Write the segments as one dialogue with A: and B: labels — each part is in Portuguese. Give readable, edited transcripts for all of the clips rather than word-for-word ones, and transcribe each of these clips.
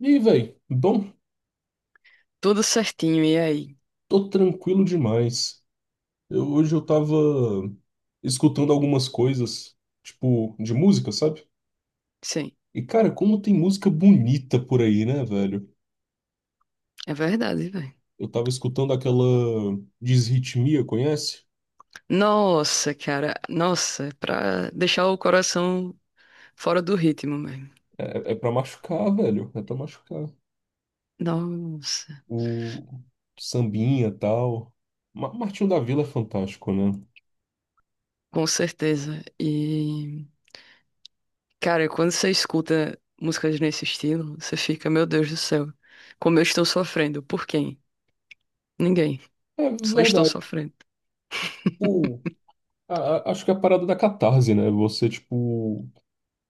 A: E aí, velho? Bom,
B: Tudo certinho, e aí?
A: tô tranquilo demais. Hoje eu tava escutando algumas coisas, tipo, de música, sabe?
B: Sim,
A: E, cara, como tem música bonita por aí, né, velho?
B: é verdade, velho.
A: Eu tava escutando aquela Desritmia, conhece?
B: Nossa, cara, nossa, é pra deixar o coração fora do ritmo mesmo.
A: É, é pra machucar, velho. É pra machucar.
B: Nossa,
A: O sambinha, tal. Martinho da Vila é fantástico, né?
B: com certeza. E, cara, quando você escuta músicas nesse estilo, você fica, meu Deus do céu, como eu estou sofrendo? Por quem? Ninguém.
A: É
B: Só estou
A: verdade.
B: sofrendo.
A: Tipo, acho que é a parada da catarse, né? Você, tipo,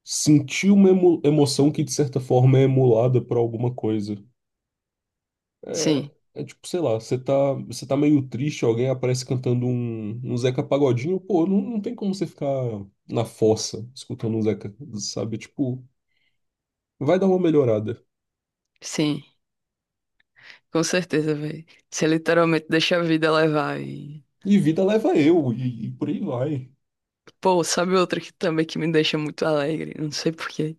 A: sentir uma emoção que de certa forma é emulada por alguma coisa. É,
B: Sim,
A: é tipo, sei lá, você tá, meio triste, alguém aparece cantando um Zeca Pagodinho, pô, não tem como você ficar na fossa escutando um Zeca, sabe? Tipo, vai dar uma melhorada.
B: sim, com certeza, velho. Você literalmente deixa a vida levar e...
A: E vida leva eu, e por aí vai.
B: Pô, sabe outra que também que me deixa muito alegre? Não sei por quê.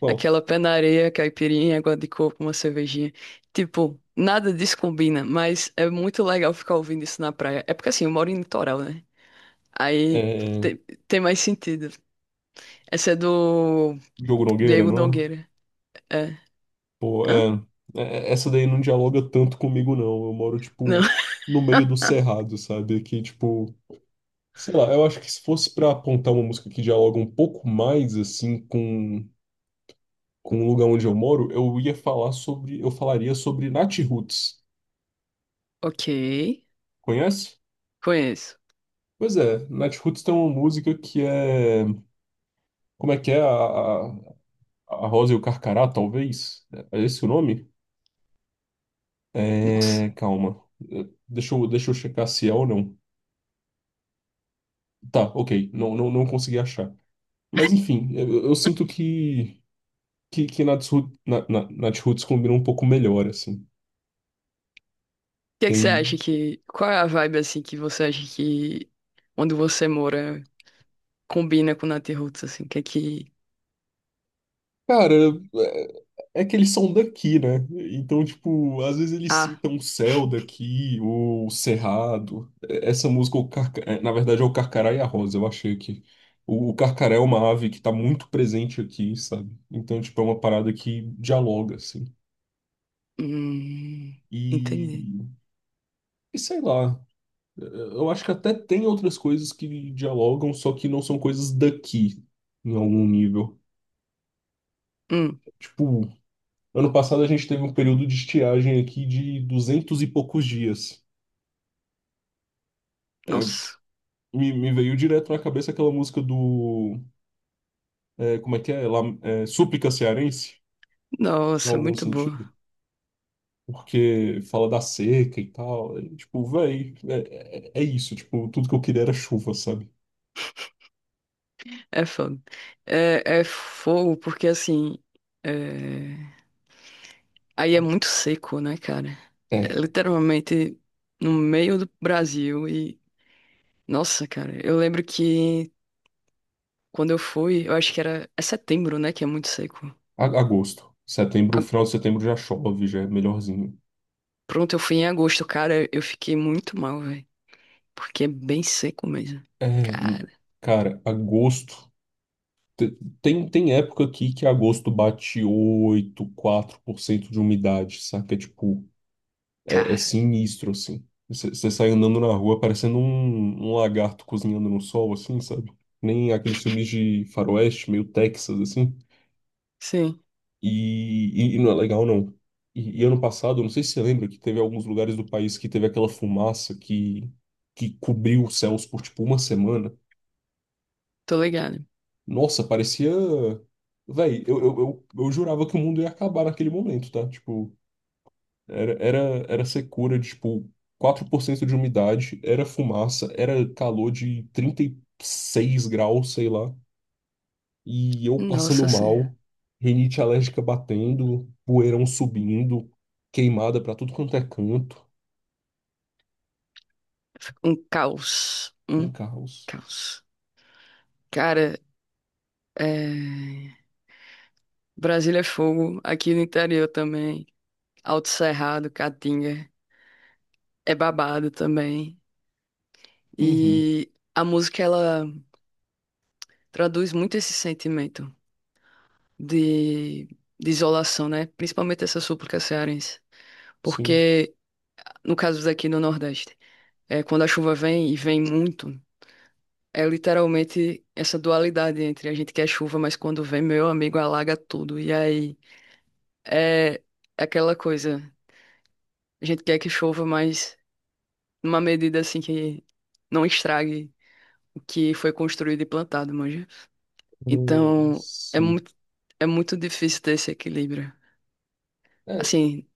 A: Bom,
B: Aquela pé na areia, caipirinha, água de coco, uma cervejinha. Tipo, nada disso combina, mas é muito legal ficar ouvindo isso na praia. É porque assim, eu moro em litoral, né? Aí
A: é,
B: te- tem, mais sentido. Essa é do
A: Diogo Nogueira,
B: Diego
A: não é?
B: Nogueira. É.
A: Pô,
B: Hã?
A: essa daí não dialoga tanto comigo, não. Eu moro,
B: Não.
A: tipo, no meio do cerrado, sabe? Que, tipo, sei lá, eu acho que se fosse pra apontar uma música que dialoga um pouco mais assim com o lugar onde eu moro, eu falaria sobre Nath Roots.
B: Ok.
A: Conhece?
B: Conheço.
A: Pois é, Nath Roots tem uma música que é, como é que é? A Rosa e o Carcará, talvez? É esse o nome?
B: Nossa.
A: É,
B: O
A: calma. É, deixa eu checar se é ou não. Tá, ok, não consegui achar. Mas enfim, eu sinto que Nath Roots, Nath Roots combina um pouco melhor assim.
B: que é que você acha
A: Tem.
B: que. Qual é a vibe assim que você acha que onde você mora combina com Natiruts, assim? O que é que.
A: Cara, é é que eles são daqui, né? Então, tipo, às vezes eles
B: Ah.
A: citam o Céu daqui, ou o Cerrado. Essa música, o é, na verdade, é o Carcará e a Rosa, eu achei que. O Carcará é uma ave que tá muito presente aqui, sabe? Então, tipo, é uma parada que dialoga, assim.
B: Hum. Entendi.
A: E, e sei lá. Eu acho que até tem outras coisas que dialogam, só que não são coisas daqui, em algum nível.
B: Hum.
A: Tipo, ano passado a gente teve um período de estiagem aqui de duzentos e poucos dias. É,
B: Nossa.
A: me veio direto na cabeça aquela música do. Como é que é? Lá, é? Súplica Cearense, em
B: Nossa,
A: algum
B: muito boa.
A: sentido. Porque fala da seca e tal. E, tipo, véi, é isso. Tipo, tudo que eu queria era chuva, sabe?
B: É fogo. É, é fogo porque assim. é, Aí é muito seco, né, cara? É
A: É,
B: literalmente no meio do Brasil e. Nossa, cara, eu lembro que quando eu fui, eu acho que era. É setembro, né, que é muito seco.
A: agosto. Setembro,
B: A-
A: final de setembro já chove, já é melhorzinho.
B: Pronto, eu fui em agosto, cara, eu fiquei muito mal, velho. Porque é bem seco mesmo.
A: É, n-
B: Cara,
A: cara, agosto. Te- tem época aqui que agosto bate 84% de umidade, saca? É tipo, é
B: cara.
A: sinistro, assim. Você sai andando na rua parecendo um, lagarto cozinhando no sol, assim, sabe? Nem aqueles filmes de faroeste, meio Texas, assim.
B: Sim,
A: E não é legal, não. E ano passado, eu não sei se você lembra, que teve alguns lugares do país que teve aquela fumaça que cobriu os céus por, tipo, uma semana.
B: tô ligado.
A: Nossa, parecia. Véi, eu jurava que o mundo ia acabar naquele momento, tá? Tipo, era, era, era secura de, tipo, 4% de umidade, era fumaça, era calor de 36 graus, sei lá. E eu passando
B: Nossa senhora.
A: mal, rinite alérgica batendo, poeirão subindo, queimada pra tudo quanto é canto.
B: Um caos.
A: Um
B: Um
A: caos.
B: caos. Cara, É, Brasília é fogo, aqui no interior também. Alto Cerrado, Caatinga, é babado também.
A: Uhum,
B: E a música, ela traduz muito esse sentimento de, de isolação, né? Principalmente essa súplica cearense.
A: sim.
B: Porque, no caso daqui no Nordeste, é, quando a chuva vem, e vem muito, é literalmente essa dualidade entre a gente quer chuva, mas quando vem, meu amigo, alaga tudo. E aí, é é aquela coisa... A gente quer que chova, mas numa medida assim que não estrague o que foi construído e plantado, manja. Então,
A: Sim.
B: é muito difícil ter esse equilíbrio.
A: É,
B: Assim,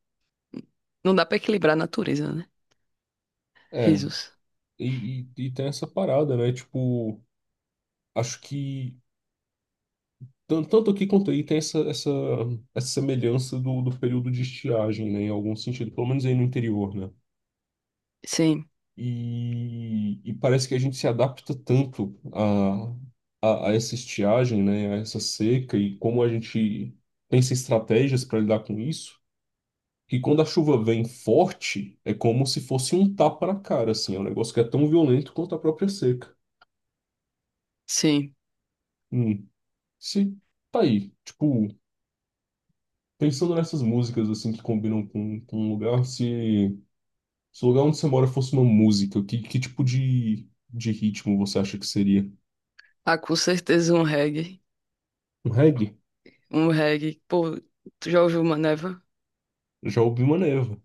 B: não dá pra equilibrar a natureza, né?
A: é.
B: Risos.
A: E tem essa parada, né? Tipo, acho que tanto aqui quanto aí tem essa, semelhança do período de estiagem, né, em algum sentido, pelo menos aí no interior, né?
B: Sim,
A: E parece que a gente se adapta tanto a essa estiagem, né, a essa seca e como a gente pensa em estratégias para lidar com isso, que quando a chuva vem forte, é como se fosse um tapa na cara, assim, é um negócio que é tão violento quanto a própria seca.
B: sim.
A: Hum, se tá aí, tipo, pensando nessas músicas assim que combinam com um lugar, se o lugar onde você mora fosse uma música, que tipo de ritmo você acha que seria?
B: Ah, com certeza um reggae.
A: Um reggae?
B: Um reggae. Pô, tu já ouviu Maneva?
A: Já ouvi uma neva.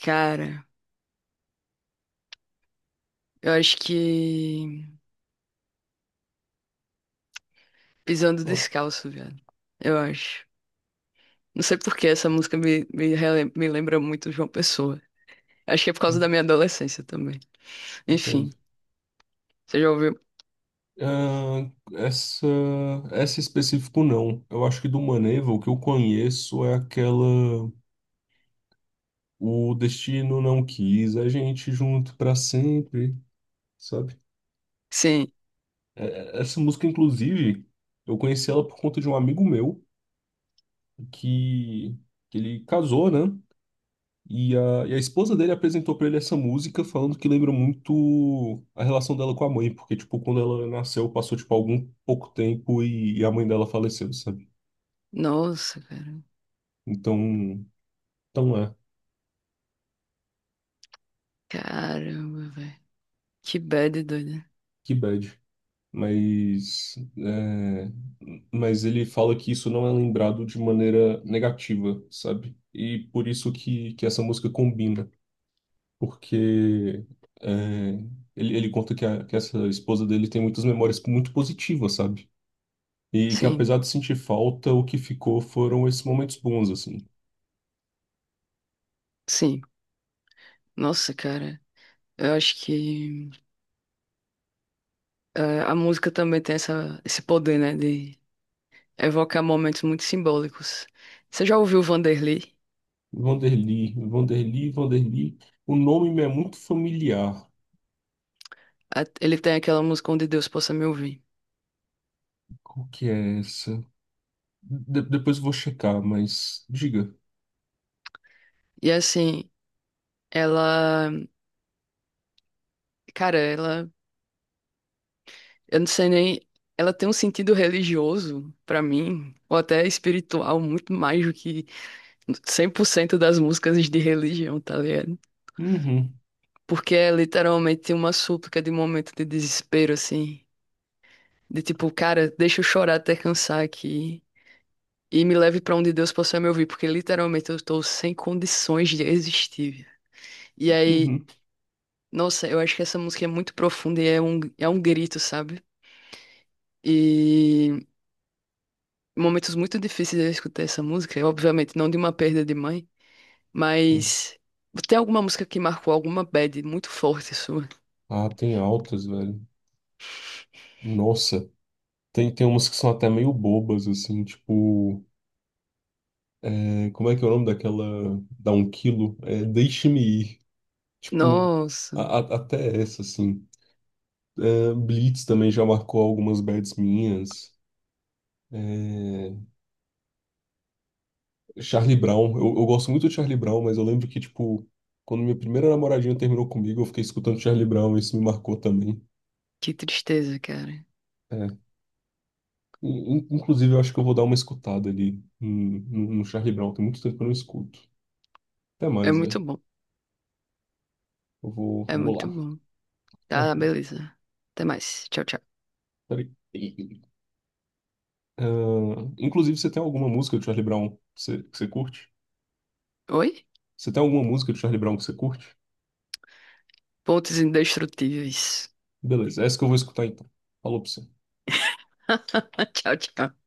B: Cara, eu acho que Pisando
A: Ó,
B: Descalço, velho. Eu acho. Não sei por que essa música me lembra muito João Pessoa. Acho que é por causa da minha adolescência também. Enfim,
A: entendo.
B: você já ouviu?
A: Ah, essa específico não. Eu acho que do Maneva, o que eu conheço é aquela O Destino Não Quis a gente junto pra sempre, sabe?
B: Sim.
A: Essa música, inclusive, eu conheci ela por conta de um amigo meu que, que ele casou, né? E a esposa dele apresentou pra ele essa música falando que lembra muito a relação dela com a mãe, porque, tipo, quando ela nasceu, passou, tipo, algum pouco tempo e a mãe dela faleceu, sabe?
B: Nossa, cara.
A: Então, então é,
B: Caramba, velho. Que bad doida.
A: que bad. Mas, é, mas ele fala que isso não é lembrado de maneira negativa, sabe? E por isso que essa música combina. Porque é, ele conta que, que essa esposa dele tem muitas memórias muito positivas, sabe? E que
B: Sim,
A: apesar de sentir falta, o que ficou foram esses momentos bons, assim.
B: sim. Nossa, cara. Eu acho que a música também tem essa, esse poder, né? De evocar momentos muito simbólicos. Você já ouviu o Vanderlei?
A: Vanderly, Vanderly, Vanderly. O nome me é muito familiar.
B: Ele tem aquela música Onde Deus Possa Me Ouvir.
A: Qual que é essa? Depois eu vou checar, mas diga.
B: E assim, ela. Cara, ela. Eu não sei nem. Ela tem um sentido religioso, pra mim, ou até espiritual, muito mais do que 100% das músicas de religião, tá ligado?
A: Uhum,
B: Porque é literalmente uma súplica de momento de desespero, assim. De tipo, cara, deixa eu chorar até cansar aqui. E me leve pra onde Deus possa me ouvir, porque literalmente eu tô sem condições de existir, velho. E aí,
A: uhum.
B: nossa, eu acho que essa música é muito profunda e é é um grito, sabe? E momentos muito difíceis eu escutei essa música, e obviamente não de uma perda de mãe, mas tem alguma música que marcou alguma bad muito forte sua?
A: Ah, tem altas, velho. Nossa, tem umas que são até meio bobas, assim, tipo. É, como é que é o nome daquela. Dá um quilo? É, deixe-me ir. Tipo,
B: Nossa,
A: até essa, assim. É, Blitz também já marcou algumas bets minhas. É, Charlie Brown. Eu gosto muito de Charlie Brown, mas eu lembro que, tipo, quando minha primeira namoradinha terminou comigo, eu fiquei escutando Charlie Brown e isso me marcou também.
B: que tristeza, cara.
A: É. Inclusive, eu acho que eu vou dar uma escutada ali no Charlie Brown. Tem muito tempo que eu não escuto. Até
B: É
A: mais, velho.
B: muito bom,
A: Eu vou,
B: é
A: vou
B: muito
A: lá.
B: bom.
A: É,
B: Tá, beleza. Até mais. Tchau, tchau.
A: peraí. Ah, inclusive, você tem alguma música do Charlie Brown que você curte?
B: Oi?
A: Você tem alguma música do Charlie Brown que você curte?
B: Pontos indestrutíveis.
A: Beleza, é essa que eu vou escutar então. Falou pra você.
B: Tchau, tchau.